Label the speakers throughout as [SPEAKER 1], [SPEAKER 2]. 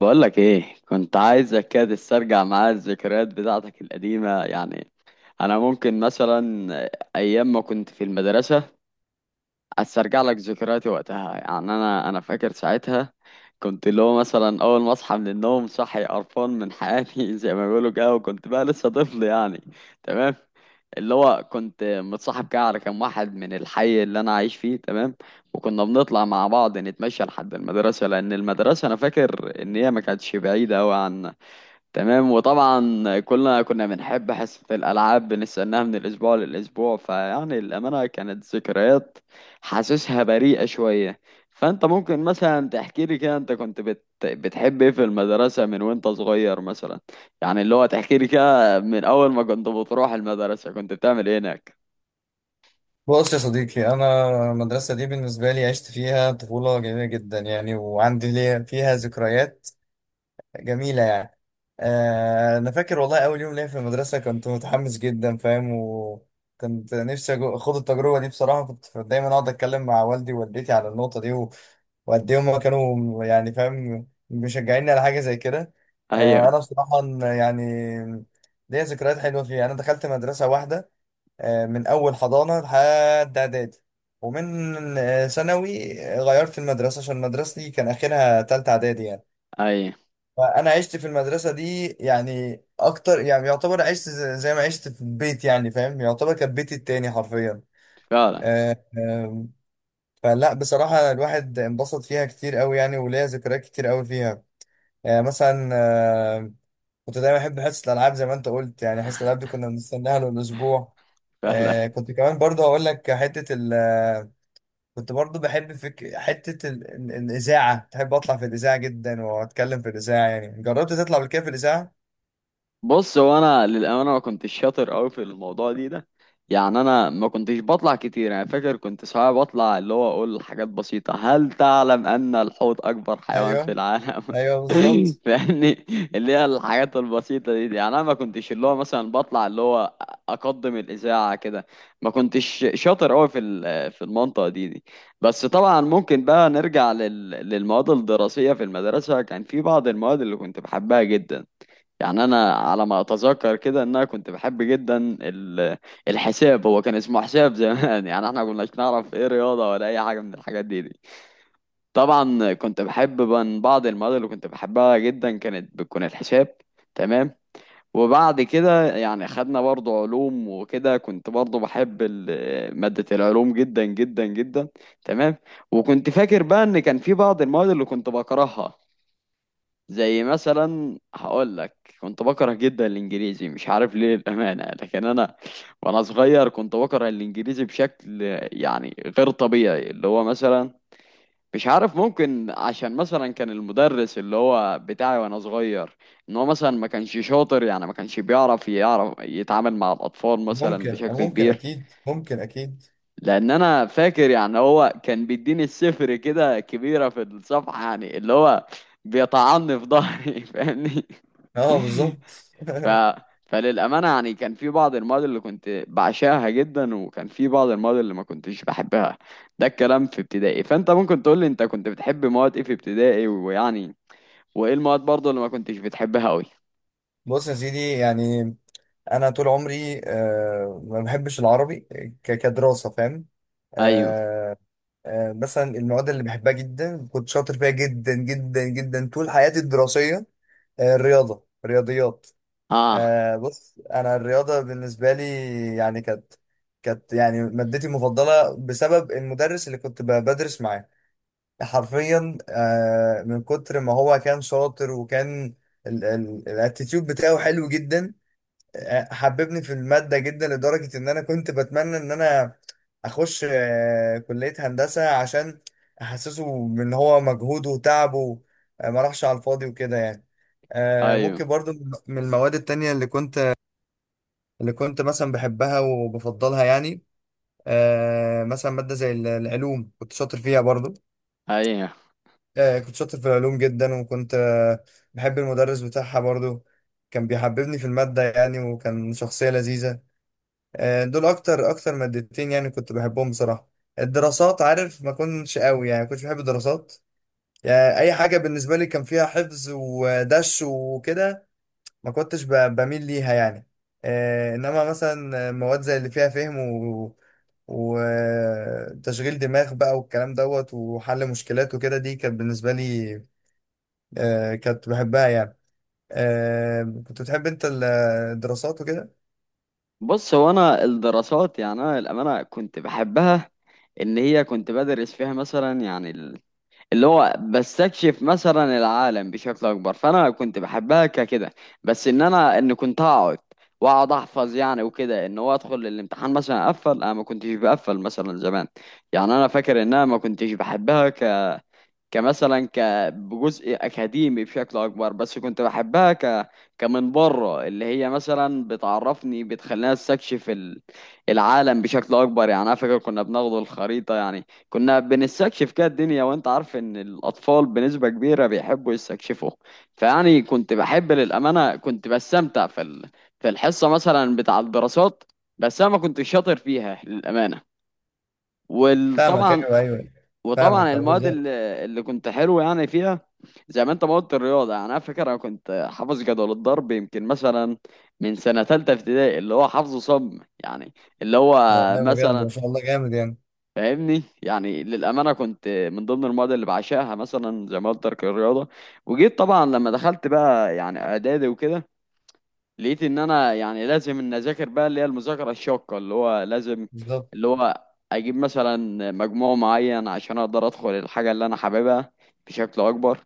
[SPEAKER 1] بقولك ايه، كنت عايزك كده تسترجع معايا الذكريات بتاعتك القديمة. يعني انا ممكن مثلا ايام ما كنت في المدرسة استرجع لك ذكرياتي وقتها. يعني انا فاكر ساعتها كنت اللي هو مثلا اول ما اصحى من النوم صحي قرفان من حياتي زي ما بيقولوا كده، وكنت بقى لسه طفل يعني. تمام. اللي هو كنت متصاحب كده على كام واحد من الحي اللي انا عايش فيه. تمام. وكنا بنطلع مع بعض نتمشى لحد المدرسه، لان المدرسه انا فاكر ان هي ما كانتش بعيده قوي. تمام. وطبعا كلنا كنا بنحب حصة الألعاب، بنستناها من الأسبوع للأسبوع. فيعني الأمانة كانت ذكريات حاسسها بريئة شوية. فأنت ممكن مثلا تحكي لي كده، أنت كنت بتحب إيه في المدرسة من وأنت صغير مثلا؟ يعني اللي هو تحكي لي كده من أول ما كنت بتروح المدرسة كنت بتعمل إيه هناك؟
[SPEAKER 2] بص يا صديقي، أنا المدرسة دي بالنسبة لي عشت فيها طفولة جميلة جدا يعني، وعندي ليا فيها ذكريات جميلة يعني. أنا فاكر والله أول يوم ليا في المدرسة كنت متحمس جدا، فاهم؟ وكنت نفسي أخوض التجربة دي بصراحة. كنت دايما أقعد أتكلم مع والدي ووالدتي على النقطة دي، وقد إيه هما كانوا يعني فاهم مشجعيني على حاجة زي كده.
[SPEAKER 1] أيوه.
[SPEAKER 2] أنا بصراحة يعني ليا ذكريات حلوة فيها. أنا دخلت مدرسة واحدة من أول حضانة لحد إعدادي، ومن آه، ثانوي غيرت المدرسة عشان مدرستي كان آخرها تالتة إعدادي يعني.
[SPEAKER 1] أيوه.
[SPEAKER 2] فأنا عشت في المدرسة دي يعني أكتر، يعني يعتبر عشت زي ما عشت في البيت يعني، فاهم؟ يعتبر كانت بيتي التاني حرفيا.
[SPEAKER 1] فعلا.
[SPEAKER 2] آه، آم، فلا بصراحة الواحد انبسط فيها كتير أوي يعني، وليا ذكريات كتير أوي فيها. يعني مثلا، كنت دايما احب حصه الالعاب زي ما انت قلت، يعني حصه الالعاب دي كنا بنستناها له الاسبوع.
[SPEAKER 1] فعلا.
[SPEAKER 2] كنت كمان برضه هقول لك حته ال آه، كنت برضه بحب فك... حته ال... ال- الاذاعه، بحب اطلع في الاذاعه جدا واتكلم في الاذاعه. يعني جربت تطلع قبل كده في الاذاعه؟
[SPEAKER 1] بص هو انا للامانه ما كنتش شاطر قوي في الموضوع دي ده. يعني انا ما كنتش بطلع كتير. انا فاكر كنت ساعات بطلع اللي هو اقول حاجات بسيطه: هل تعلم ان الحوت اكبر حيوان في
[SPEAKER 2] ايوه،
[SPEAKER 1] العالم.
[SPEAKER 2] ايوه بالظبط.
[SPEAKER 1] فاهمني. اللي هي الحاجات البسيطه دي يعني انا ما كنتش اللي هو مثلا بطلع اللي هو اقدم الاذاعه كده. ما كنتش شاطر قوي في المنطقه دي. بس طبعا ممكن بقى نرجع للمواد الدراسيه في المدرسه. كان في بعض المواد اللي كنت بحبها جدا. يعني انا على ما اتذكر كده ان انا كنت بحب جدا ال- الحساب. هو كان اسمه حساب زمان يعني احنا كناش نعرف ايه رياضه ولا اي حاجه من الحاجات دي. طبعا كنت بحب، من بعض المواد اللي كنت بحبها جدا كانت بتكون الحساب. تمام. وبعد كده يعني خدنا برضو علوم وكده. كنت برضو بحب ماده العلوم جدا جدا جدا. تمام. وكنت فاكر بقى ان كان في بعض المواد اللي كنت بكرهها، زي مثلا هقول لك كنت بكره جدا الانجليزي، مش عارف ليه الامانه. لكن انا وانا صغير كنت بكره الانجليزي بشكل يعني غير طبيعي. اللي هو مثلا مش عارف، ممكن عشان مثلا كان المدرس اللي هو بتاعي وانا صغير، ان هو مثلا ما كانش شاطر، يعني ما كانش يعرف يتعامل مع الاطفال مثلا
[SPEAKER 2] ممكن،
[SPEAKER 1] بشكل
[SPEAKER 2] ممكن
[SPEAKER 1] كبير.
[SPEAKER 2] اكيد، ممكن اكيد.
[SPEAKER 1] لان انا فاكر يعني هو كان بيديني السفر كده كبيره في الصفحه، يعني اللي هو بيطعني في ظهري فاهمني.
[SPEAKER 2] اه بالظبط.
[SPEAKER 1] ف... فللأمانة يعني كان في بعض المواد اللي كنت بعشقها جدا، وكان في بعض المواد اللي ما كنتش بحبها. ده الكلام في ابتدائي. فأنت ممكن تقول لي أنت كنت بتحب مواد إيه في ابتدائي، ويعني وإيه المواد برضه اللي ما كنتش بتحبها أوي؟
[SPEAKER 2] بص يا سيدي، يعني انا طول عمري ما بحبش العربي كدراسه، فاهم؟
[SPEAKER 1] أيوه.
[SPEAKER 2] آه، مثلا المواد اللي بحبها جدا كنت شاطر فيها جدا جدا جدا طول حياتي الدراسية. الرياضة، رياضيات.
[SPEAKER 1] آه.
[SPEAKER 2] بص أنا الرياضة بالنسبة لي يعني كانت، كانت يعني مادتي المفضلة بسبب المدرس اللي كنت بدرس معاه حرفيا. من كتر ما هو كان شاطر، وكان الاتيتيود بتاعه حلو جدا، حببني في المادة جدا لدرجة إن أنا كنت بتمنى إن أنا أخش كلية هندسة عشان أحسسه إن هو مجهوده وتعبه ما راحش على الفاضي وكده يعني.
[SPEAKER 1] أيوه.
[SPEAKER 2] ممكن برضو من المواد التانية اللي كنت مثلا بحبها وبفضلها، يعني مثلا مادة زي العلوم كنت شاطر فيها برضو.
[SPEAKER 1] أيوه.
[SPEAKER 2] كنت شاطر في العلوم جدا، وكنت بحب المدرس بتاعها برضو، كان بيحببني في المادة يعني، وكان شخصية لذيذة. دول اكتر اكتر مادتين يعني كنت بحبهم بصراحه. الدراسات عارف ما كنتش قوي، يعني ما كنتش بحب الدراسات. يعني اي حاجه بالنسبه لي كان فيها حفظ ودش وكده ما كنتش بميل ليها يعني. انما مثلا مواد زي اللي فيها فهم وتشغيل دماغ بقى والكلام دوت وحل مشكلات وكده، دي كانت بالنسبه لي كنت بحبها يعني. كنت بتحب انت الدراسات وكده؟
[SPEAKER 1] بص هو أنا الدراسات، يعني أنا للأمانة كنت بحبها، إن هي كنت بدرس فيها مثلا، يعني اللي هو بستكشف مثلا العالم بشكل اكبر، فانا كنت بحبها ككده. بس ان كنت هقعد واقعد احفظ يعني وكده، ان هو ادخل الامتحان مثلا اقفل، انا ما كنتش بقفل مثلا زمان. يعني انا فاكر ان انا ما كنتش بحبها كمثلا بجزء اكاديمي بشكل اكبر، بس كنت بحبها كمن بره، اللي هي مثلا بتعرفني بتخليني استكشف العالم بشكل اكبر. يعني انا فاكر كنا بناخد الخريطه يعني، كنا بنستكشف كده الدنيا. وانت عارف ان الاطفال بنسبه كبيره بيحبوا يستكشفوا. فيعني كنت بحب للامانه، كنت بستمتع في الحصه مثلا بتاع الدراسات، بس انا ما كنتش شاطر فيها للامانه.
[SPEAKER 2] فاهمك،
[SPEAKER 1] وطبعا
[SPEAKER 2] ايوه ايوه. فاهمك
[SPEAKER 1] المواد اللي
[SPEAKER 2] بالظبط.
[SPEAKER 1] اللي كنت حلو يعني فيها، زي ما انت ما قلت الرياضه. يعني انا فاكر انا كنت حافظ جدول الضرب يمكن مثلا من سنه ثالثه ابتدائي، اللي هو حافظه صم يعني، اللي هو
[SPEAKER 2] ده والله بجد
[SPEAKER 1] مثلا
[SPEAKER 2] ما شاء الله جامد يعني.
[SPEAKER 1] فاهمني. يعني للامانه كنت من ضمن المواد اللي بعشقها مثلا زي ما قلت لك الرياضه. وجيت طبعا لما دخلت بقى يعني اعدادي وكده، لقيت ان انا يعني لازم ان اذاكر بقى اللي هي المذاكره الشاقه، اللي هو لازم
[SPEAKER 2] بالظبط،
[SPEAKER 1] اللي هو اجيب مثلا مجموع معين عشان اقدر ادخل الحاجه اللي انا حاببها بشكل اكبر.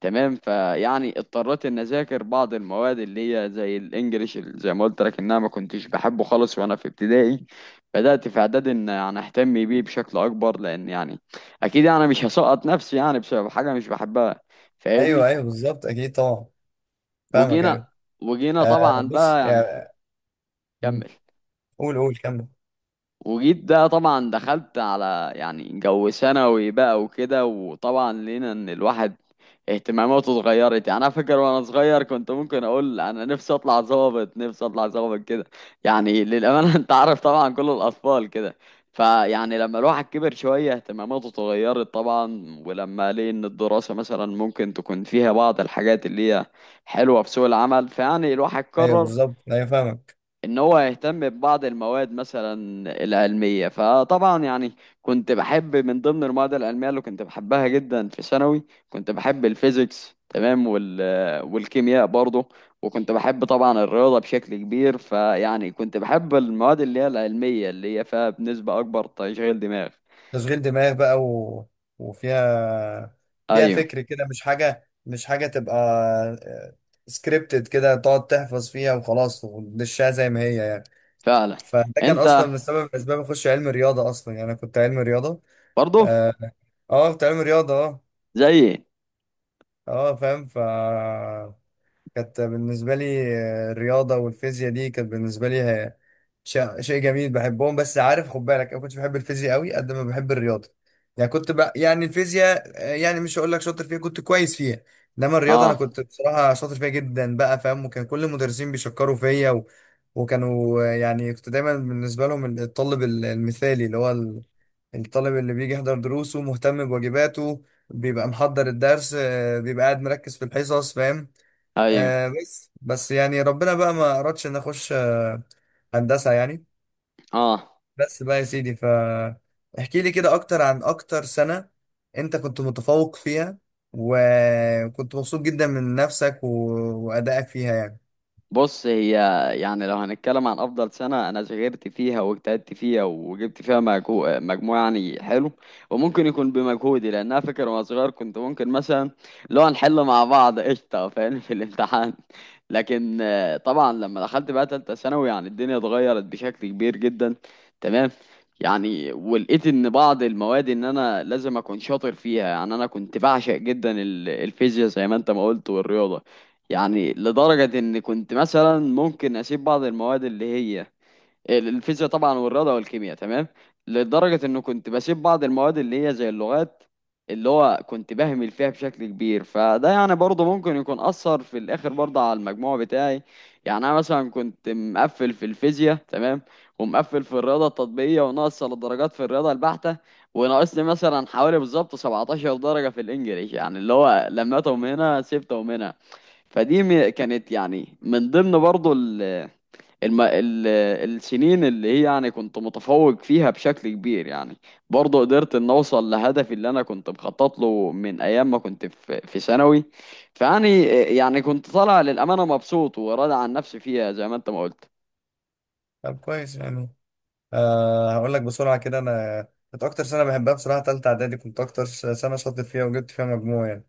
[SPEAKER 1] تمام. فيعني اضطريت ان اذاكر بعض المواد اللي هي زي الانجليش، اللي زي ما قلت لك ان انا ما كنتش بحبه خالص وانا في ابتدائي. بدات في اعدادي ان يعني اهتم بيه بشكل اكبر، لان يعني اكيد انا مش هسقط نفسي يعني بسبب حاجه مش بحبها. فاهمني.
[SPEAKER 2] ايوه ايوه بالظبط، اكيد طبعا. فاهمك
[SPEAKER 1] وجينا
[SPEAKER 2] ايوه.
[SPEAKER 1] وجينا
[SPEAKER 2] آه
[SPEAKER 1] طبعا
[SPEAKER 2] بص
[SPEAKER 1] بقى يعني.
[SPEAKER 2] يعني.
[SPEAKER 1] كمل.
[SPEAKER 2] قول قول كمل.
[SPEAKER 1] وجيت ده طبعا دخلت على يعني جو ثانوي بقى وكده. وطبعا لقينا ان الواحد اهتماماته اتغيرت. يعني انا فاكر وانا صغير كنت ممكن اقول انا نفسي اطلع ظابط، نفسي اطلع ظابط كده، يعني للامانه انت عارف طبعا كل الاطفال كده. فيعني لما الواحد كبر شويه اهتماماته اتغيرت طبعا، ولما لقي ان الدراسه مثلا ممكن تكون فيها بعض الحاجات اللي هي حلوه في سوق العمل، فيعني الواحد
[SPEAKER 2] ايوه
[SPEAKER 1] قرر
[SPEAKER 2] بالظبط، ايوه فاهمك.
[SPEAKER 1] ان هو يهتم ببعض المواد مثلا العلميه. فطبعا يعني كنت بحب من ضمن المواد العلميه اللي كنت بحبها جدا في ثانوي، كنت بحب الفيزيكس. تمام. والكيمياء برضه. وكنت بحب طبعا الرياضه بشكل كبير. فيعني كنت بحب المواد اللي هي العلميه اللي هي فيها بنسبه اكبر تشغيل دماغ.
[SPEAKER 2] تشغيل دماغ بقى وفيها، فيها
[SPEAKER 1] ايوه.
[SPEAKER 2] فكر كده، مش حاجه، مش حاجه تبقى سكريبتد كده تقعد تحفظ فيها وخلاص وتدشها زي ما هي يعني.
[SPEAKER 1] فعلا.
[SPEAKER 2] فده كان
[SPEAKER 1] انت
[SPEAKER 2] اصلا من سبب، من اسباب اخش علم رياضه اصلا. يعني انا كنت علم رياضه،
[SPEAKER 1] برضه
[SPEAKER 2] اه. كنت علم رياضه، اه.
[SPEAKER 1] زيي.
[SPEAKER 2] اه فاهم. كانت بالنسبة لي الرياضة والفيزياء دي كانت بالنسبة لي شيء جميل بحبهم. بس عارف خد بالك أنا كنتش بحب الفيزياء قوي قد ما بحب الرياضة. يعني كنت بقى يعني الفيزياء يعني مش هقول لك شاطر فيها، كنت كويس فيها. إنما الرياضة أنا
[SPEAKER 1] اه.
[SPEAKER 2] كنت بصراحة شاطر فيها جدا بقى، فاهم؟ وكان كل المدرسين بيشكروا فيا وكانوا يعني كنت دايما بالنسبة لهم الطالب المثالي، اللي هو الطالب اللي بيجي يحضر دروسه، مهتم بواجباته، بيبقى محضر الدرس، بيبقى قاعد مركز في الحصص، فاهم؟
[SPEAKER 1] ايوه.
[SPEAKER 2] آه بس يعني ربنا بقى ما أردش إن أخش آه هندسة يعني.
[SPEAKER 1] اه.
[SPEAKER 2] بس بقى يا سيدي، فاحكي لي كده أكتر عن أكتر سنة أنت كنت متفوق فيها وكنت مبسوط جدا من نفسك وأدائك فيها يعني.
[SPEAKER 1] بص هي يعني لو هنتكلم عن افضل سنه انا ذاكرت فيها واجتهدت فيها وجبت فيها مجموع يعني حلو، وممكن يكون بمجهودي. لان انا فاكر وانا صغير كنت ممكن مثلا لو هنحل مع بعض قشطه فاهم في الامتحان. لكن طبعا لما دخلت بقى تالتة ثانوي يعني الدنيا اتغيرت بشكل كبير جدا. تمام. يعني ولقيت ان بعض المواد ان انا لازم اكون شاطر فيها. يعني انا كنت بعشق جدا الفيزياء زي ما انت ما قلت والرياضه، يعني لدرجة إن كنت مثلا ممكن أسيب بعض المواد اللي هي الفيزياء طبعا والرياضه والكيمياء. تمام. لدرجه انه كنت بسيب بعض المواد اللي هي زي اللغات، اللي هو كنت بهمل فيها بشكل كبير. فده يعني برضه ممكن يكون اثر في الاخر برضه على المجموع بتاعي. يعني انا مثلا كنت مقفل في الفيزياء. تمام. ومقفل في الرياضه التطبيقيه، وناقص الدرجات في الرياضه البحته، وناقصني مثلا حوالي بالظبط 17 درجه في الانجليش، يعني اللي هو لميتهم هنا سبتهم هنا. فدي كانت يعني من ضمن برضه الم... ال... السنين اللي هي يعني كنت متفوق فيها بشكل كبير. يعني برضه قدرت ان اوصل لهدفي اللي انا كنت مخطط له من ايام ما كنت في ثانوي. فيعني كنت طالع للامانه مبسوط وراضي عن نفسي فيها زي ما انت ما قلت.
[SPEAKER 2] طب كويس يعني. آه هقول لك بسرعة كده. أنا كنت أكتر سنة بحبها بصراحة تالتة إعدادي، كنت أكتر سنة شاطر فيها وجبت فيها مجموع يعني.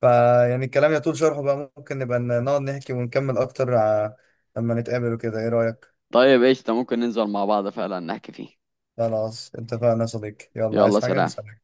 [SPEAKER 2] فيعني الكلام يطول شرحه بقى، ممكن نبقى نقعد نحكي ونكمل أكتر لما نتقابل وكده، إيه رأيك؟
[SPEAKER 1] طيب ايش ممكن ننزل مع بعض فعلا نحكي فيه.
[SPEAKER 2] خلاص اتفقنا يا صديقي، يلا
[SPEAKER 1] يلا
[SPEAKER 2] عايز حاجة؟
[SPEAKER 1] سلام.
[SPEAKER 2] سلام.